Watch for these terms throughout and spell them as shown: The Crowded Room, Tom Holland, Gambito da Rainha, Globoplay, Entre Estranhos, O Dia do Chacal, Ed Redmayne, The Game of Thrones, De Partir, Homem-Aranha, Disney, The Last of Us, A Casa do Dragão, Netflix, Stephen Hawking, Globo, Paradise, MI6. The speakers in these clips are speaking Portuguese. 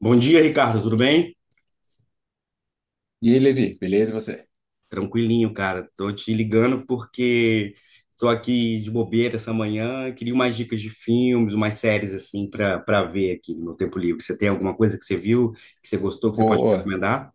Bom dia, Ricardo, tudo bem? E aí, Levi, beleza? E você? Tranquilinho, cara. Tô te ligando porque tô aqui de bobeira essa manhã, queria umas dicas de filmes, umas séries assim para ver aqui no meu tempo livre. Você tem alguma coisa que você viu, que você gostou, que você pode me Boa. recomendar?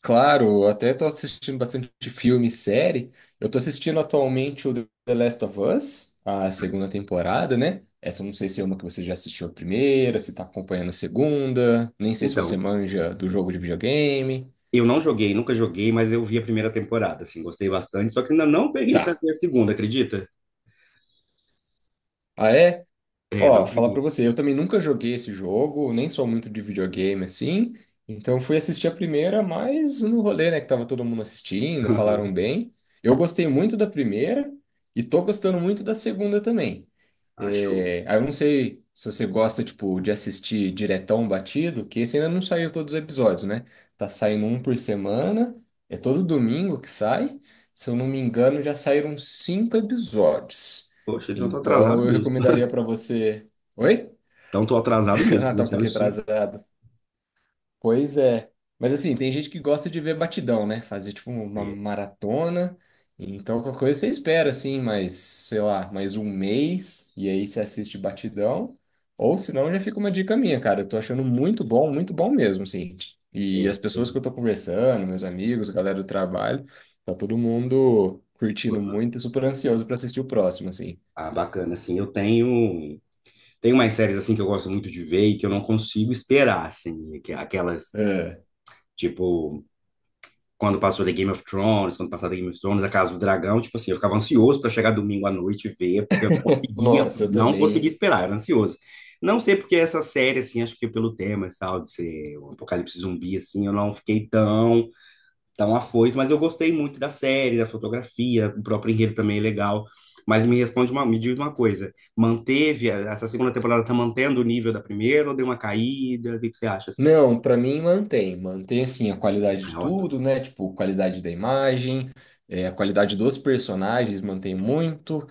Claro, eu até tô assistindo bastante filme e série. Eu tô assistindo atualmente o The Last of Us, a segunda temporada, né? Essa eu não sei se é uma que você já assistiu a primeira, se tá acompanhando a segunda, nem sei se você Então, manja do jogo de videogame. eu não joguei, nunca joguei, mas eu vi a primeira temporada, assim, gostei bastante, só que ainda não peguei para Tá. ver a segunda, acredita? Ah, é? É, Ó, não falar pra peguei. você, eu também nunca joguei esse jogo, nem sou muito de videogame assim, então fui assistir a primeira, mas no rolê, né, que tava todo mundo assistindo, falaram bem. Eu gostei muito da primeira e tô gostando muito da segunda também. Achou. É, aí eu não sei se você gosta, tipo, de assistir diretão batido, que esse ainda não saiu todos os episódios, né? Tá saindo um por semana, é todo domingo que sai. Se eu não me engano, já saíram cinco episódios. Poxa, então tô Então, atrasado eu mesmo. recomendaria para você. Oi? Então tô atrasado mesmo, Ah, tá um iniciaram pouquinho cinco. atrasado. Pois é. Mas assim, tem gente que gosta de ver batidão, né? Fazer tipo uma É, maratona. Então, qualquer coisa você espera, assim, mais, sei lá, mais 1 mês. E aí você assiste batidão. Ou senão já fica uma dica minha, cara. Eu tô achando muito bom mesmo, assim. é, E eu as pessoas que tenho- eu tô conversando, meus amigos, a galera do trabalho, tá todo mundo curtindo muito e super ansioso para assistir o próximo, assim. Ah, bacana, assim, tenho umas séries, assim, que eu gosto muito de ver e que eu não consigo esperar, assim, que- aquelas, É. tipo, quando passou The Game of Thrones, A Casa do Dragão, tipo assim, eu ficava ansioso para chegar domingo à noite e ver, porque eu Nossa, eu não conseguia também. esperar, era ansioso. Não sei porque essa série, assim, acho que pelo tema, sabe, de ser um apocalipse zumbi, assim, eu não fiquei tão afoito, mas eu gostei muito da série, da fotografia, o próprio enredo também é legal. Mas me diz uma coisa, manteve, essa segunda temporada tá mantendo o nível da primeira ou deu uma caída? O que que você acha, assim? Não, para mim mantém, mantém assim a qualidade de Ah, ótimo, tudo, né? Tipo, qualidade da imagem, a qualidade dos personagens mantém muito,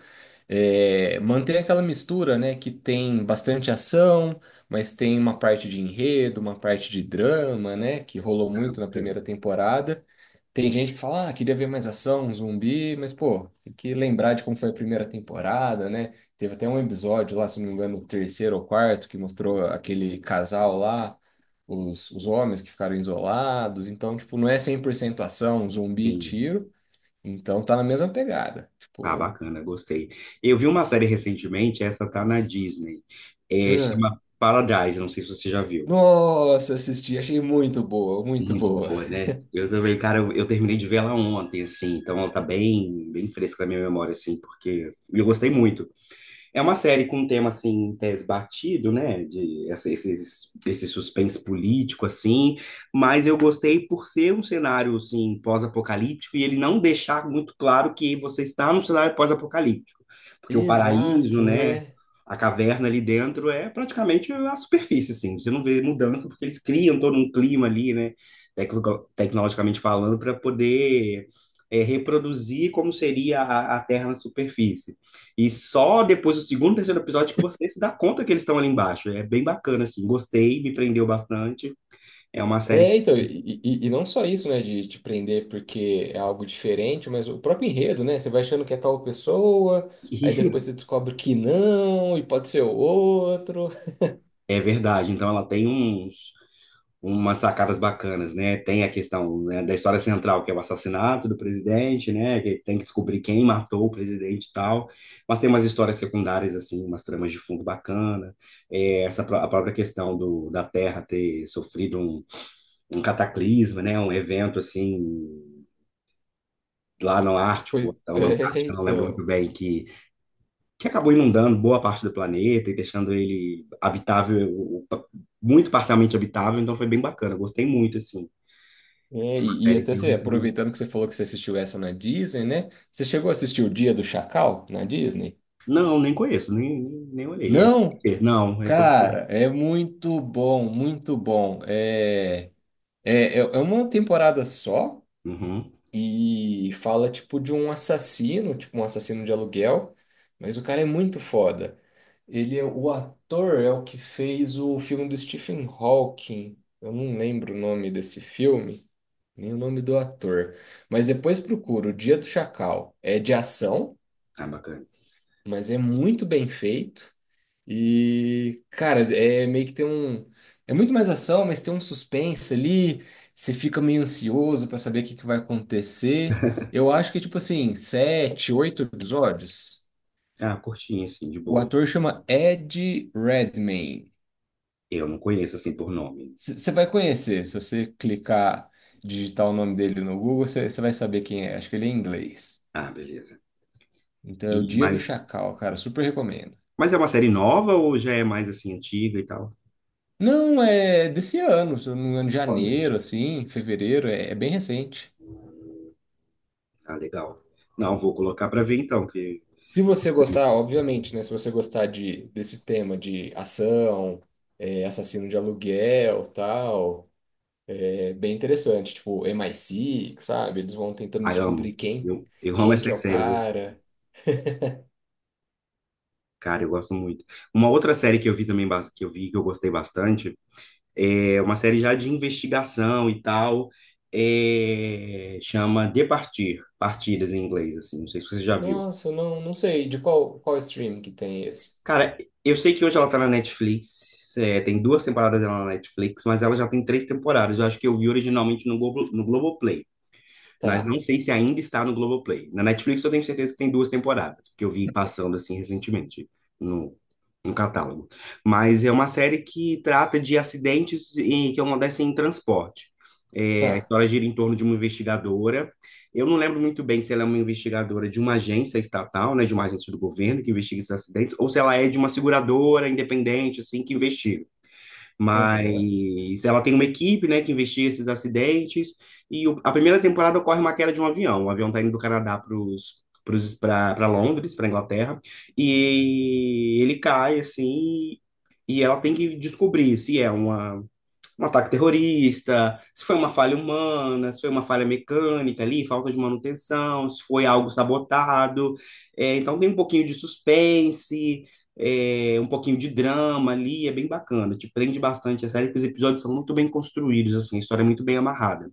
é, mantém aquela mistura, né, que tem bastante ação, mas tem uma parte de enredo, uma parte de drama, né, que rolou muito na bacana. primeira temporada. Tem gente que fala, ah, queria ver mais ação, um zumbi, mas, pô, tem que lembrar de como foi a primeira temporada, né? Teve até um episódio lá, se não me engano, o terceiro ou quarto, que mostrou aquele casal lá, os homens que ficaram isolados. Então, tipo, não é 100% ação, zumbi, e Sim. tiro. Então, tá na mesma pegada. Ah, Tipo. bacana, gostei. Eu vi uma série recentemente, essa tá na Disney, chama Paradise, não sei se você já viu. Nossa, assisti, achei muito boa, muito Muito boa. boa, né? Eu também, cara, eu terminei de ver ela ontem, assim, então ela tá bem fresca na minha memória, assim, porque eu gostei muito. É uma série com um tema, assim, em tese batido, né? Esse suspense político, assim. Mas eu gostei por ser um cenário, assim, pós-apocalíptico e ele não deixar muito claro que você está num cenário pós-apocalíptico. Porque o paraíso, Exato, né? né? A caverna ali dentro é praticamente a superfície, assim. Você não vê mudança porque eles criam todo um clima ali, né? Tecnologicamente falando, para poder reproduzir como seria a Terra na superfície. E só depois do segundo, terceiro episódio que você se dá conta que eles estão ali embaixo. É bem bacana, assim. Gostei, me prendeu bastante. É uma série É, então, e não só isso, né, de te prender porque é algo diferente, mas o próprio enredo, né? Você vai achando que é tal pessoa, aí depois que você descobre que não, e pode ser outro. é verdade. Então ela tem umas sacadas bacanas, né? Tem a questão, né, da história central, que é o assassinato do presidente, né? Que tem que descobrir quem matou o presidente e tal. Mas tem umas histórias secundárias, assim, umas tramas de fundo bacana. A própria questão da Terra ter sofrido um cataclisma, né? Um evento, assim lá no Pois, Ártico, então na é, Antártica, não lembro muito então. bem, que acabou inundando boa parte do planeta e deixando ele habitável, muito parcialmente habitável, então foi bem bacana, gostei muito, assim. É, É uma e série até que eu você, recomendo. aproveitando que você falou que você assistiu essa na Disney, né? Você chegou a assistir O Dia do Chacal na Disney? Não, nem conheço, nem olhei. É sobre o Não? quê? Não, é sobre o Cara, quê? é muito bom, muito bom. É. É uma temporada só Uhum. e fala tipo de um assassino, tipo um assassino de aluguel, mas o cara é muito foda. Ele é o ator é o que fez o filme do Stephen Hawking. Eu não lembro o nome desse filme, nem o nome do ator. Mas depois procura, O Dia do Chacal. É de ação, Ah, bacana. mas é muito bem feito. E, cara, é meio que tem um. É muito mais ação, mas tem um suspense ali. Você fica meio ansioso pra saber o que que vai acontecer. Eu acho que, tipo assim, sete, oito episódios. Ah, curtinha, assim, de O boa. ator chama Ed Redmayne. Eu não conheço, assim, por nome. Você vai conhecer. Se você clicar, digitar o nome dele no Google, você vai saber quem é. Acho que ele é inglês. Ah, beleza. Então é o E, Dia do mas, Chacal, cara. Super recomendo. mas é uma série nova ou já é mais, assim, antiga e tal? Não, é desse ano, se eu não me engano, Olha. janeiro, assim, fevereiro, é bem recente. Ah, legal. Não, vou colocar para ver então, que Se você gostar, obviamente, né? Se você gostar desse tema de ação, é, assassino de aluguel, tal, é bem interessante. Tipo, MI6, sabe? Eles vão tentando Ah, eu descobrir amo. quem, Eu amo quem que é essas o séries, assim. cara. Cara, eu gosto muito. Uma outra série que eu vi também, que eu gostei bastante, é uma série já de investigação e tal, chama De Partir, Partidas em inglês, assim, não sei se você já viu. Nossa, eu não sei de qual stream que tem esse. Cara, eu sei que hoje ela tá na Netflix, tem duas temporadas dela na Netflix, mas ela já tem três temporadas, eu acho que eu vi originalmente no Globo, no Globoplay. Mas não Tá, sei se ainda está no Globoplay. Na Netflix eu tenho certeza que tem duas temporadas, porque eu vi passando assim recentemente no, no catálogo. Mas é uma série que trata de que acontecem em transporte. É, a tá. história gira em torno de uma investigadora. Eu não lembro muito bem se ela é uma investigadora de uma agência estatal, né, de uma agência do governo que investiga esses acidentes, ou se ela é de uma seguradora independente, assim, que investiga. Aham. Mas ela tem uma equipe, né, que investiga esses acidentes. A primeira temporada ocorre uma queda de um avião. O avião está indo do Canadá para Londres, para Inglaterra, e ele cai assim, e ela tem que descobrir se é um ataque terrorista, se foi uma falha humana, se foi uma falha mecânica ali, falta de manutenção, se foi algo sabotado. É, então tem um pouquinho de suspense, um pouquinho de drama ali, é bem bacana. Te prende bastante a série, porque os episódios são muito bem construídos, assim, a história é muito bem amarrada.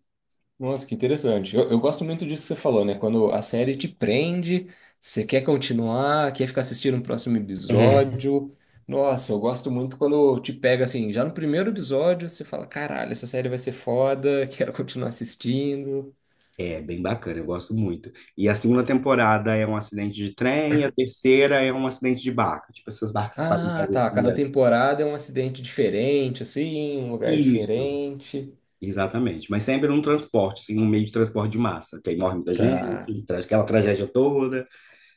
Nossa, que interessante. Eu gosto muito disso que você falou, né? Quando a série te prende, você quer continuar, quer ficar assistindo o próximo episódio. Nossa, eu gosto muito quando te pega assim, já no primeiro episódio, você fala: caralho, essa série vai ser foda, quero continuar assistindo. É bem bacana, eu gosto muito. E a segunda temporada é um acidente de trem, e a terceira é um acidente de barca, tipo essas barcas que fazem Ah, tá. Cada travessia. temporada é um acidente diferente, assim, um lugar Isso. diferente. Exatamente, mas sempre num transporte, assim, um meio de transporte de massa, que aí morre muita Tá. gente, traz aquela tragédia toda.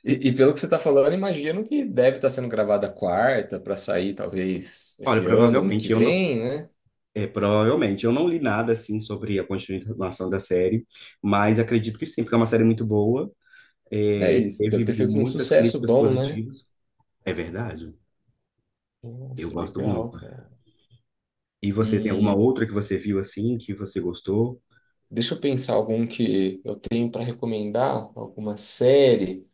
E pelo que você tá falando, eu imagino que deve estar sendo gravada a quarta pra sair, talvez, Olha, esse ano, ano que vem, né? Provavelmente eu não li nada assim sobre a continuação da série, mas acredito que sim, porque é uma série muito boa, É isso, deve teve ter feito um muitas sucesso críticas bom, né? positivas. É verdade, eu Nossa, gosto legal, muito. cara. E você tem alguma E outra que você viu assim que você gostou? deixa eu pensar algum que eu tenho para recomendar, alguma série.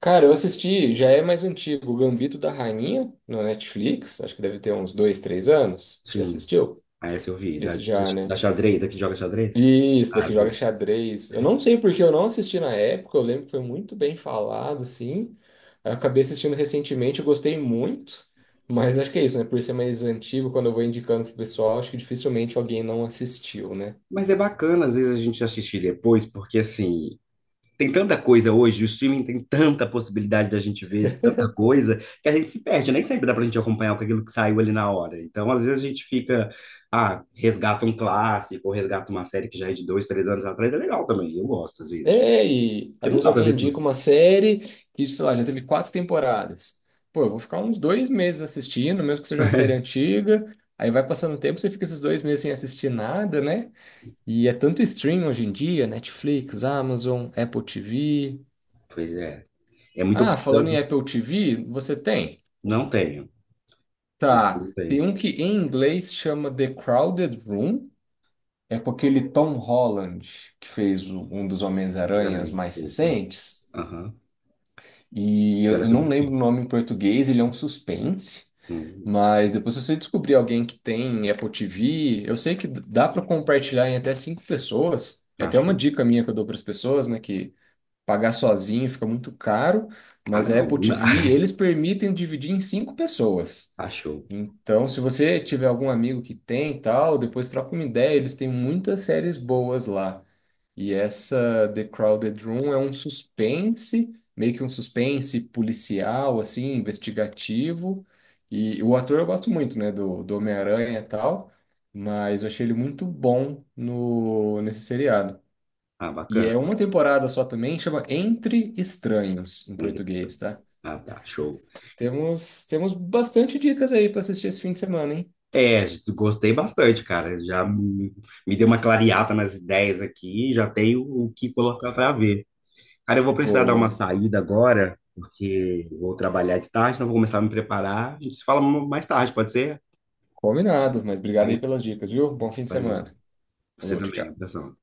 Cara, eu assisti, já é mais antigo, o Gambito da Rainha, no Netflix, acho que deve ter uns 2, 3 anos. Você já Sim, assistiu? ah, essa eu vi, Esse já, né? da xadrez, da que joga xadrez? Isso, Ah, daqui joga vi. xadrez. Eu não sei porque eu não assisti na época, eu lembro que foi muito bem falado, assim. Eu acabei assistindo recentemente, eu gostei muito, mas acho que é isso, né? Por ser mais antigo, quando eu vou indicando pro pessoal, acho que dificilmente alguém não assistiu, né? Mas é bacana, às vezes, a gente assistir depois, porque assim, tem tanta coisa hoje, o streaming tem tanta possibilidade da gente ver tanta coisa, que a gente se perde, nem sempre dá pra gente acompanhar com aquilo que saiu ali na hora. Então, às vezes a gente fica, ah, resgata um clássico, ou resgata uma série que já é de dois, três anos atrás, é legal também, eu gosto às vezes, de- É, e às porque não vezes dá pra alguém ver indica tudo. uma série que, sei lá, já teve quatro temporadas. Pô, eu vou ficar uns 2 meses assistindo, mesmo que seja uma série antiga. Aí vai passando o tempo, você fica esses 2 meses sem assistir nada, né? E é tanto stream hoje em dia, Netflix, Amazon, Apple TV. Pois é, é muita Ah, opção, falando em Apple TV, você tem? não tenho, Tá. não Tem tenho, um que em inglês chama The Crowded Room. É com aquele Tom Holland, que fez um dos Homens-Aranhas exatamente, mais sei, conheço. recentes. Aham, E e eu ela é eu não sobre o lembro quê? o nome em português, ele é um suspense. Hum, Mas depois, se você descobrir alguém que tem Apple TV, eu sei que dá para compartilhar em até cinco pessoas. É até uma acho. dica minha que eu dou para as pessoas, né? Que pagar sozinho fica muito caro, Ah, mas a não, Apple não dá. TV, eles permitem dividir em cinco pessoas. Ah, show. Então, se você tiver algum amigo que tem e tal, depois troca uma ideia, eles têm muitas séries boas lá. E essa The Crowded Room é um suspense, meio que um suspense policial, assim, investigativo. E o ator eu gosto muito, né, do Homem-Aranha e tal, mas eu achei ele muito bom no, nesse seriado. Ah, E bacana. é uma temporada só também, chama Entre Estranhos, em português, tá? Ah, tá, show. Temos bastante dicas aí para assistir esse fim de semana, hein? É, gostei bastante, cara. Já me me deu uma clareada nas ideias aqui, já tenho o que colocar para ver. Cara, eu vou precisar dar uma Boa. saída agora, porque vou trabalhar de tarde, então vou começar a me preparar. A gente se fala mais tarde, pode ser? Combinado, mas obrigado aí Aí, pelas dicas, viu? Bom fim de valeu. semana. Você Falou, tchau, também, tchau. abração.